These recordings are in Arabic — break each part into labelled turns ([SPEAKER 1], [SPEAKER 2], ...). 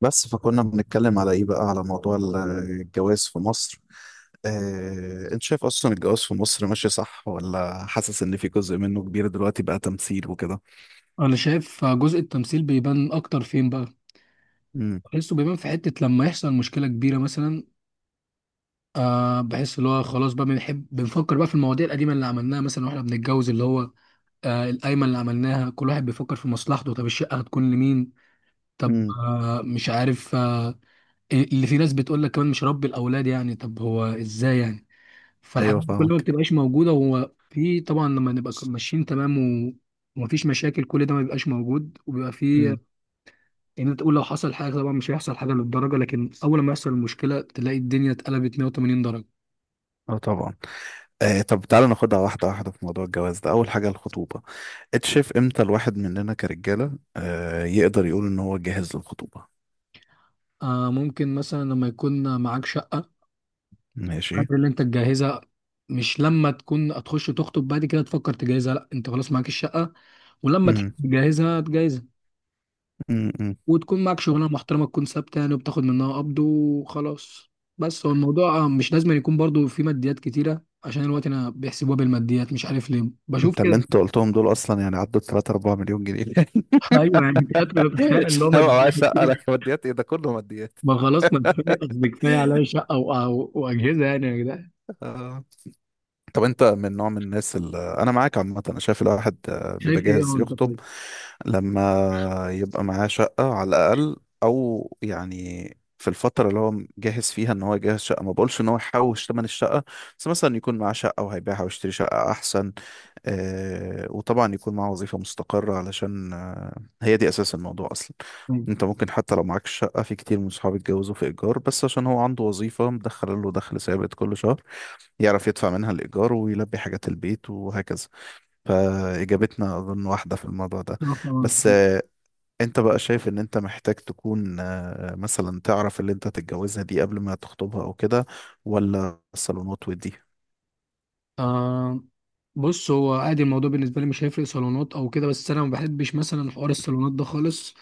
[SPEAKER 1] بس فكنا بنتكلم على ايه بقى، على موضوع الجواز في مصر. انت شايف اصلا الجواز في مصر ماشي صح، ولا حاسس ان في جزء منه كبير دلوقتي بقى تمثيل وكده؟
[SPEAKER 2] انا شايف جزء التمثيل بيبان اكتر فين بقى.
[SPEAKER 1] امم
[SPEAKER 2] بحسه بيبان في حتة لما يحصل مشكلة كبيرة مثلا. بحس اللي هو خلاص بقى بنحب بنفكر بقى في المواضيع القديمة اللي عملناها مثلا واحنا بنتجوز اللي هو القايمة اللي عملناها، كل واحد بيفكر في مصلحته. طب الشقة هتكون لمين؟ طب
[SPEAKER 1] امم
[SPEAKER 2] مش عارف. اللي في ناس بتقول لك كمان مش ربي الأولاد، يعني طب هو ازاي يعني؟ فالحاجات
[SPEAKER 1] ايوه،
[SPEAKER 2] دي كلها ما
[SPEAKER 1] فاهمك.
[SPEAKER 2] بتبقاش موجودة، هو في طبعا لما نبقى ماشيين تمام و- ومفيش مشاكل، كل ده ما بيبقاش موجود وبيبقى في.
[SPEAKER 1] امم
[SPEAKER 2] يعني انت تقول لو حصل حاجه، طبعا مش هيحصل حاجه للدرجه، لكن اول ما يحصل المشكله تلاقي الدنيا اتقلبت 180 درجه.
[SPEAKER 1] اه، طبعا. طب تعالى ناخدها واحده واحده. في موضوع الجواز ده، اول حاجه الخطوبه. انت شايف امتى الواحد مننا كرجاله يقدر يقول ان هو جاهز للخطوبه؟
[SPEAKER 2] آه ممكن مثلا لما يكون معاك شقه،
[SPEAKER 1] ماشي.
[SPEAKER 2] الحاجات اللي انت تجهزها. مش لما تكون هتخش تخطب بعد كده تفكر تجهزها، لا، انت خلاص معاك الشقه، ولما تحب
[SPEAKER 1] امم
[SPEAKER 2] تجهزها تجهزها.
[SPEAKER 1] أمم.
[SPEAKER 2] وتكون معاك شغلانه محترمه، تكون ثابته يعني وبتاخد منها قبض وخلاص. بس هو الموضوع مش لازم يكون برضو في ماديات كتيره، عشان الوقت انا بيحسبوها بالماديات، مش عارف ليه بشوف
[SPEAKER 1] انت
[SPEAKER 2] كده.
[SPEAKER 1] اللي انت قلتهم دول اصلا يعني عدوا 3 4 مليون جنيه.
[SPEAKER 2] ايوه يعني انت بتتخيل اللي هو
[SPEAKER 1] هو
[SPEAKER 2] مدفوع.
[SPEAKER 1] عايز اسالك ماديات ايه؟ ده كله ماديات.
[SPEAKER 2] ما خلاص، ما كفايه، قصدي كفايه عليا شقه واجهزه يعني يا جدعان.
[SPEAKER 1] آه. طب انت من نوع من الناس اللي انا معاك. عامه انا شايف الواحد بيبقى
[SPEAKER 2] شايف ايه هو
[SPEAKER 1] جاهز
[SPEAKER 2] انت؟
[SPEAKER 1] يخطب
[SPEAKER 2] طيب.
[SPEAKER 1] لما يبقى معاه شقه على الاقل، او يعني في الفتره اللي هو جاهز فيها ان هو يجهز شقه. ما بقولش ان هو يحوش ثمن الشقه، بس مثلا يكون معاه شقه وهيبيعها ويشتري شقه احسن. وطبعا يكون معاه وظيفه مستقره، علشان هي دي اساس الموضوع اصلا.
[SPEAKER 2] طيب.
[SPEAKER 1] انت ممكن حتى لو معاك شقة، في كتير من صحابي اتجوزوا في ايجار، بس عشان هو عنده وظيفة مدخل له دخل ثابت كل شهر يعرف يدفع منها الايجار ويلبي حاجات البيت وهكذا. فاجابتنا اظن واحدة في الموضوع ده.
[SPEAKER 2] طب-
[SPEAKER 1] بس
[SPEAKER 2] طب-
[SPEAKER 1] انت بقى شايف ان انت محتاج تكون مثلا تعرف اللي انت تتجوزها دي قبل ما تخطبها او كده، ولا الصالونات ودي؟
[SPEAKER 2] آه بص، هو عادي الموضوع بالنسبه لي، مش هيفرق صالونات او كده، بس انا ما بحبش مثلا حوار الصالونات ده خالص.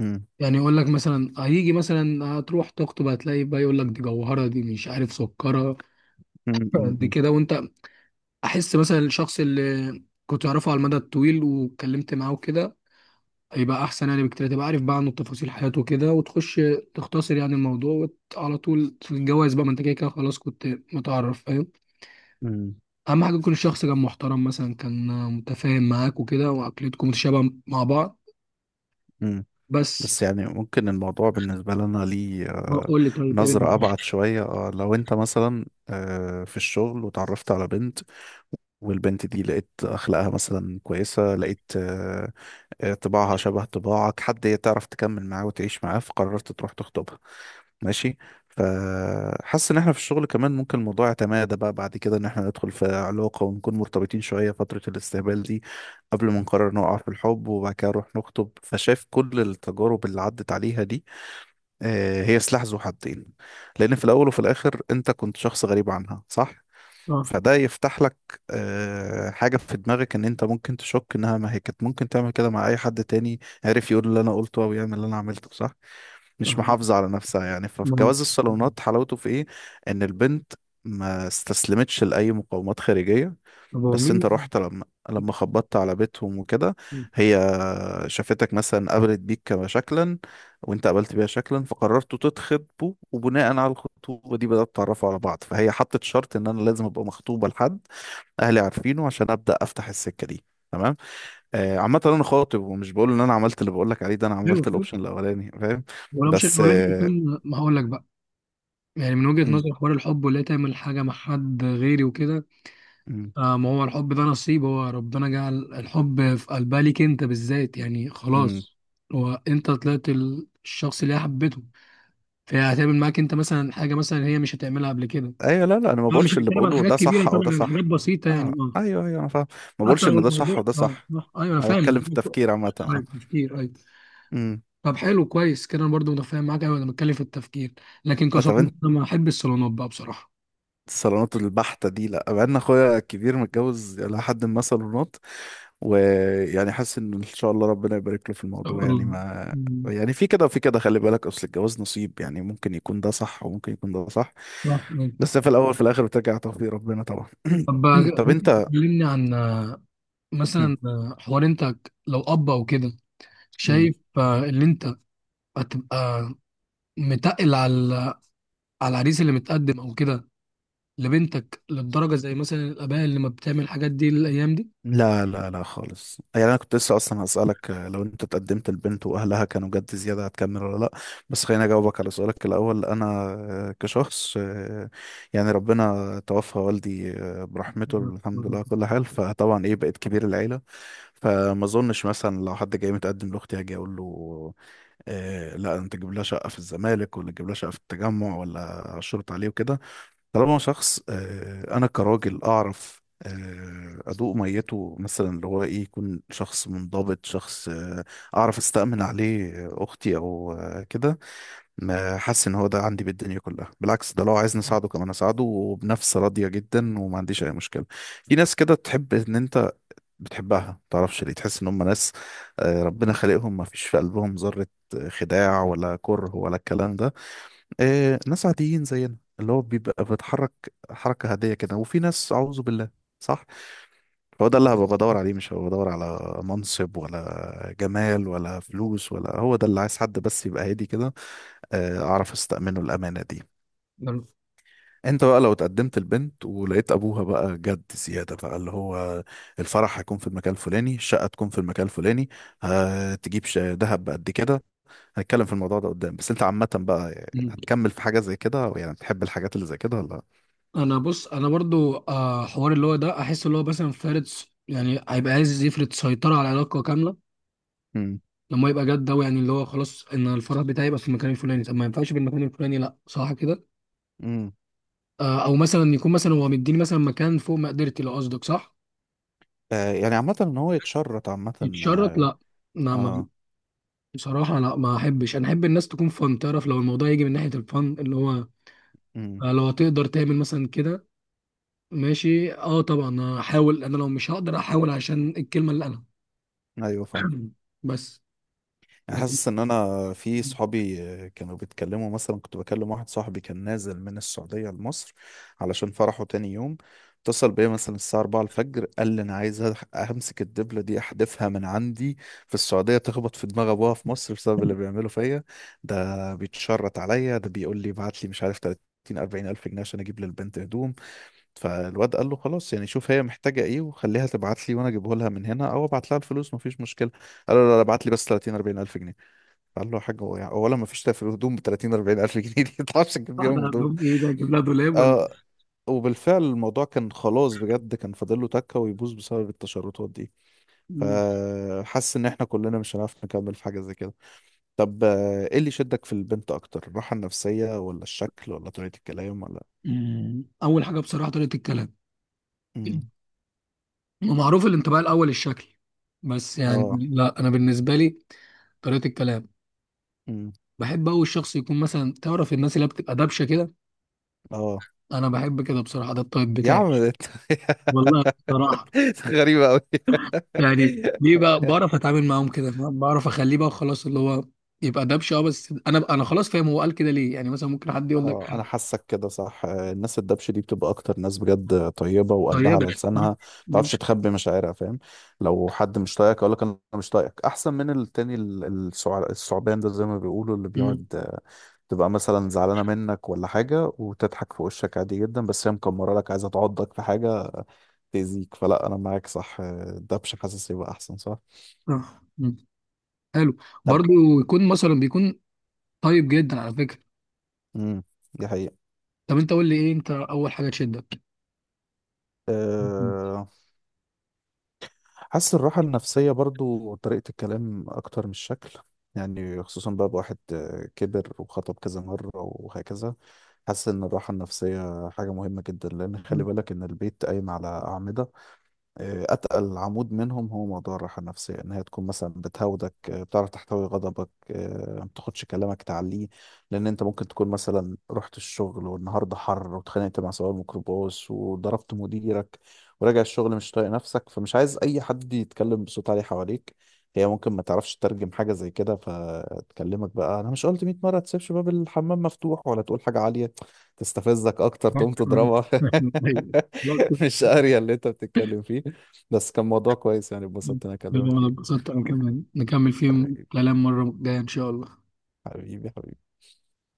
[SPEAKER 1] امم
[SPEAKER 2] يعني يقول لك مثلا، هيجي مثلا هتروح تخطب هتلاقي بقى يقول لك دي جوهره، دي مش عارف سكره، دي
[SPEAKER 1] امم
[SPEAKER 2] كده. وانت احس مثلا الشخص اللي كنت اعرفه على المدى الطويل واتكلمت معاه وكده يبقى احسن يعني بكتير، تبقى عارف بقى عنه تفاصيل حياته كده وتخش تختصر يعني الموضوع على طول في الجواز بقى، ما انت كده كده خلاص كنت متعرف، فاهم. اهم حاجه يكون الشخص كان محترم مثلا، كان متفاهم معاك وكده، وعقليتكم متشابهه مع بعض.
[SPEAKER 1] امم
[SPEAKER 2] بس.
[SPEAKER 1] بس يعني ممكن الموضوع بالنسبة لنا ليه
[SPEAKER 2] ما اقول لك طيب ايه
[SPEAKER 1] نظرة أبعد شوية. لو أنت مثلا في الشغل وتعرفت على بنت، والبنت دي لقيت اخلاقها مثلا كويسه، لقيت طباعها شبه طباعك، حد هي تعرف تكمل معاه وتعيش معاه، فقررت تروح تخطبها. ماشي. فحاسس ان احنا في الشغل كمان ممكن الموضوع يتمادى بقى بعد كده، ان احنا ندخل في علاقه ونكون مرتبطين شويه فتره الاستقبال دي قبل ما نقرر نقع في الحب، وبعد كده نروح نخطب. فشايف كل التجارب اللي عدت عليها دي هي سلاح ذو حدين، لان في الاول وفي الاخر انت كنت شخص غريب عنها، صح؟
[SPEAKER 2] اه.
[SPEAKER 1] فده يفتح لك حاجة في دماغك ان انت ممكن تشك انها، ما هي كانت ممكن تعمل كده مع اي حد تاني، عارف، يقول اللي انا قلته او يعمل اللي انا عملته، صح؟ مش
[SPEAKER 2] آه،
[SPEAKER 1] محافظة على نفسها يعني.
[SPEAKER 2] ما هو،
[SPEAKER 1] فجواز الصالونات حلاوته في ايه؟ ان البنت ما استسلمتش لأي مقاومات خارجية.
[SPEAKER 2] طب هو
[SPEAKER 1] بس انت
[SPEAKER 2] مين.
[SPEAKER 1] رحت لما خبطت على بيتهم وكده، هي شافتك مثلا، قابلت بيك كما شكلا، وانت قابلت بيها شكلا، فقررتوا تتخطبوا، وبناء على الخطوبة دي بدأت تعرفوا على بعض. فهي حطت شرط ان انا لازم ابقى مخطوبة لحد اهلي عارفينه عشان ابدأ افتح السكة دي. تمام. آه، عامة انا خاطب، ومش بقول ان انا عملت اللي بقول لك عليه ده. انا
[SPEAKER 2] حلو
[SPEAKER 1] عملت
[SPEAKER 2] حلو.
[SPEAKER 1] الاوبشن الاولاني، فاهم.
[SPEAKER 2] ولو مش
[SPEAKER 1] بس
[SPEAKER 2] الولاد يكون ما هقول لك بقى يعني من وجهه نظر حوار الحب، ولا تعمل حاجه مع حد غيري وكده.
[SPEAKER 1] م-
[SPEAKER 2] آه ما هو الحب ده نصيب، هو ربنا جعل الحب في قلبها ليك انت بالذات يعني
[SPEAKER 1] م-
[SPEAKER 2] خلاص. هو انت طلعت الشخص اللي هي حبته، فهي هتعمل معاك انت مثلا حاجه مثلا هي مش هتعملها قبل كده.
[SPEAKER 1] ايوه، لا لا، انا ما
[SPEAKER 2] اه مش
[SPEAKER 1] بقولش اللي
[SPEAKER 2] هتكلم عن
[SPEAKER 1] بقوله
[SPEAKER 2] حاجات
[SPEAKER 1] ده
[SPEAKER 2] كبيره
[SPEAKER 1] صح او
[SPEAKER 2] طبعا،
[SPEAKER 1] ده
[SPEAKER 2] عن حاجات
[SPEAKER 1] صح.
[SPEAKER 2] بسيطه يعني
[SPEAKER 1] اه
[SPEAKER 2] اه.
[SPEAKER 1] ايوه، ايوه، انا فاهم. ما
[SPEAKER 2] حتى
[SPEAKER 1] بقولش
[SPEAKER 2] لو
[SPEAKER 1] ان ده
[SPEAKER 2] الموضوع
[SPEAKER 1] صح وده
[SPEAKER 2] اه.
[SPEAKER 1] صح.
[SPEAKER 2] آه، ايوه انا
[SPEAKER 1] انا
[SPEAKER 2] فاهم انا
[SPEAKER 1] بتكلم في
[SPEAKER 2] فاهم.
[SPEAKER 1] التفكير عامه، اه.
[SPEAKER 2] طيب تفكير، ايوه.
[SPEAKER 1] امم
[SPEAKER 2] طب حلو، كويس كده، انا برضو متفاهم معاك، ايوه انا بتكلم في التفكير. لكن
[SPEAKER 1] طب
[SPEAKER 2] كصديق
[SPEAKER 1] انت،
[SPEAKER 2] انا ما احب الصالونات بقى بصراحه.
[SPEAKER 1] الصالونات البحتة دي لا، بقى ان اخويا الكبير متجوز الى حد ما صالونات، ويعني حاسس ان ان شاء الله ربنا يبارك له في الموضوع يعني،
[SPEAKER 2] الله.
[SPEAKER 1] ما
[SPEAKER 2] مم.
[SPEAKER 1] يعني في كده وفي كده. خلي بالك اصل الجواز نصيب يعني، ممكن يكون ده صح وممكن يكون ده صح،
[SPEAKER 2] صح آه.
[SPEAKER 1] بس في الاول في الاخر بترجع توفيق ربنا طبعا.
[SPEAKER 2] طب
[SPEAKER 1] طب
[SPEAKER 2] ممكن
[SPEAKER 1] انت.
[SPEAKER 2] تكلمني عن
[SPEAKER 1] مم.
[SPEAKER 2] مثلا حوار انت لو اب او كده،
[SPEAKER 1] مم.
[SPEAKER 2] شايف ان انت هتبقى متقل على على العريس اللي متقدم او كده لبنتك للدرجه، زي مثلا الاباء اللي ما بتعمل الحاجات دي الايام دي.
[SPEAKER 1] لا لا لا، خالص. يعني انا كنت لسه اصلا هسألك، لو انت اتقدمت لبنت واهلها كانوا جد زيادة، هتكمل ولا لا؟ بس خليني اجاوبك على سؤالك الاول. انا كشخص يعني ربنا توفى والدي برحمته، الحمد لله على كل حال. فطبعا ايه، بقيت كبير العيلة. فما اظنش مثلا لو حد جاي متقدم لاختي هاجي اقول له لا، انت تجيب لها شقة في الزمالك، ولا تجيب لها شقة في التجمع، ولا اشرط عليه وكده. طالما شخص انا كراجل اعرف ادوق ميته مثلا، اللي هو ايه، يكون شخص منضبط، شخص اعرف استأمن عليه اختي او كده، ما حاسس ان هو ده عندي بالدنيا كلها. بالعكس، ده لو عايزني اساعده كمان اساعده وبنفس راضية جدا، وما عنديش اي مشكلة. في ناس كده تحب ان انت بتحبها ما تعرفش ليه، تحس ان هم ناس ربنا خلقهم ما فيش في قلبهم ذرة خداع ولا كره ولا الكلام ده. ناس عاديين زينا، اللي هو بيبقى بيتحرك حركة عادية كده، وفي ناس أعوذ بالله. صح. هو ده اللي هبقى بدور عليه، مش هبقى بدور على منصب ولا جمال ولا فلوس، ولا. هو ده اللي عايز، حد بس يبقى هادي كده، أعرف أستأمنه الأمانة دي. انت بقى لو اتقدمت البنت ولقيت ابوها بقى جد زياده بقى، اللي هو الفرح هيكون في المكان الفلاني، الشقه تكون في المكان الفلاني، هتجيب دهب بقد كده، هنتكلم في الموضوع ده قدام، بس انت عامه بقى
[SPEAKER 2] مم.
[SPEAKER 1] هتكمل في حاجه زي كده؟ يعني بتحب الحاجات اللي زي كده ولا؟
[SPEAKER 2] انا بص، انا برضو حوار اللي هو ده، احس اللي هو مثلا فارض، يعني هيبقى عايز يفرض سيطره على العلاقه كامله.
[SPEAKER 1] امم
[SPEAKER 2] لما يبقى جد ده يعني اللي هو خلاص ان الفرح بتاعي يبقى في المكان الفلاني، طب ما ينفعش بالمكان الفلاني، لا صح كده.
[SPEAKER 1] امم
[SPEAKER 2] آه، او مثلا يكون مثلا هو مديني مثلا مكان فوق مقدرتي، لو قصدك صح.
[SPEAKER 1] يعني عامة ان هو يتشرط، عامة.
[SPEAKER 2] يتشرط
[SPEAKER 1] اه.
[SPEAKER 2] لا. لا ما،
[SPEAKER 1] آه.
[SPEAKER 2] بصراحة لا، ما احبش. انا احب الناس تكون فن، تعرف لو الموضوع يجي من ناحية الفن اللي هو
[SPEAKER 1] امم
[SPEAKER 2] لو هتقدر تعمل مثلا كده، ماشي اه طبعا هحاول، انا لو مش هقدر احاول عشان الكلمة اللي انا
[SPEAKER 1] ايوه، فاهم.
[SPEAKER 2] بس.
[SPEAKER 1] يعني
[SPEAKER 2] لكن
[SPEAKER 1] حاسس ان انا في صحابي كانوا بيتكلموا. مثلا كنت بكلم واحد صاحبي كان نازل من السعودية لمصر علشان فرحه تاني يوم. اتصل بيا مثلا الساعة 4 الفجر، قال لي انا عايز امسك الدبلة دي احدفها من عندي في السعودية، تخبط في دماغ ابوها في مصر بسبب اللي بيعمله فيا. ده بيتشرط عليا، ده بيقول لي ابعت لي، مش عارف، 30 40 الف جنيه عشان اجيب للبنت هدوم. فالواد قال له خلاص، يعني شوف هي محتاجة ايه وخليها تبعت لي وانا اجيبه لها من هنا، او ابعت لها الفلوس، مفيش مشكلة. قال له لا لا، ابعت لي بس 30 40 الف جنيه. قال له يا حاج، هو يعني اولا مفيش في الهدوم ب 30 40 الف جنيه دي، ما تعرفش تجيب
[SPEAKER 2] واحدة
[SPEAKER 1] بيهم هدوم.
[SPEAKER 2] عندهم ايه بقى، اجيب لها دولاب ولا
[SPEAKER 1] آه
[SPEAKER 2] إيه؟
[SPEAKER 1] وبالفعل الموضوع كان خلاص بجد، كان فاضل له تكة ويبوظ بسبب التشرطات دي.
[SPEAKER 2] مم.
[SPEAKER 1] فحس ان احنا كلنا مش هنعرف نكمل في حاجة زي كده. طب ايه اللي شدك في البنت اكتر، الراحة النفسية ولا الشكل ولا طريقة الكلام ولا؟
[SPEAKER 2] مم. اول حاجة بصراحة طريقة الكلام،
[SPEAKER 1] امم
[SPEAKER 2] ومعروف الانطباع الاول الشكل، بس
[SPEAKER 1] اه.
[SPEAKER 2] يعني لا انا بالنسبة لي طريقة الكلام.
[SPEAKER 1] امم
[SPEAKER 2] بحب أوي الشخص يكون مثلا، تعرف الناس اللي بتبقى دبشة كده،
[SPEAKER 1] اه.
[SPEAKER 2] أنا بحب كده بصراحة، ده الطيب
[SPEAKER 1] يا
[SPEAKER 2] بتاعي
[SPEAKER 1] عم ده انت.
[SPEAKER 2] والله بصراحة.
[SPEAKER 1] غريبة أوي.
[SPEAKER 2] يعني ليه بقى؟ بعرف أتعامل معاهم كده، بعرف أخليه بقى خلاص اللي هو يبقى دبشة. أه بس أنا خلاص فاهم، هو قال كده ليه يعني مثلا؟ ممكن حد يقول لك
[SPEAKER 1] اه، انا حاسك كده صح. الناس الدبش دي بتبقى اكتر ناس بجد طيبة، وقلبها
[SPEAKER 2] طيبة.
[SPEAKER 1] على
[SPEAKER 2] ها؟
[SPEAKER 1] لسانها، ما
[SPEAKER 2] مم.
[SPEAKER 1] تعرفش تخبي مشاعرها، فاهم. لو حد مش طايقك اقول لك انا مش طايقك، احسن من التاني الثعبان ده، زي ما بيقولوا، اللي
[SPEAKER 2] مم.
[SPEAKER 1] بيقعد تبقى مثلا زعلانة منك ولا حاجة وتضحك في وشك عادي جدا، بس هي مكمرة لك، عايزة تعضك في حاجة، تأذيك. فلا، انا معاك، صح. الدبش حاسس يبقى احسن، صح.
[SPEAKER 2] آه. مم. حلو.
[SPEAKER 1] طب.
[SPEAKER 2] برضو يكون مثلا بيكون طيب جدا على فكرة.
[SPEAKER 1] امم دي حقيقة.
[SPEAKER 2] طب أنت قول لي إيه أنت أول حاجة تشدك؟
[SPEAKER 1] أه، حاسس الراحة النفسية برضو، طريقة الكلام أكتر من الشكل. يعني خصوصا بقى بواحد كبر وخطب كذا مرة وهكذا، حاسس إن الراحة النفسية حاجة مهمة جدا. لأن
[SPEAKER 2] مم.
[SPEAKER 1] خلي
[SPEAKER 2] مم.
[SPEAKER 1] بالك إن البيت قايم على أعمدة، اتقل عمود منهم هو موضوع الراحه النفسيه، ان هي تكون مثلا بتهودك، بتعرف تحتوي غضبك، ما تاخدش كلامك تعليه. لان انت ممكن تكون مثلا رحت الشغل، والنهارده حر واتخانقت مع سواق الميكروباص وضربت مديرك، وراجع الشغل مش طايق نفسك، فمش عايز اي حد يتكلم بصوت عالي حواليك. هي ممكن ما تعرفش تترجم حاجه زي كده، فتكلمك بقى، انا مش قلت 100 مره تسيبش باب الحمام مفتوح، ولا تقول حاجه عاليه تستفزك اكتر، تقوم تضربها. مش قاريه اللي انت بتتكلم فيه. بس كان موضوع كويس يعني، اتبسطت إن انا اكلمك
[SPEAKER 2] حلو، انا
[SPEAKER 1] فيه.
[SPEAKER 2] اتبسطت، انا كمان نكمل فيه
[SPEAKER 1] حبيبي.
[SPEAKER 2] كلام مرة جاية ان شاء الله.
[SPEAKER 1] حبيبي.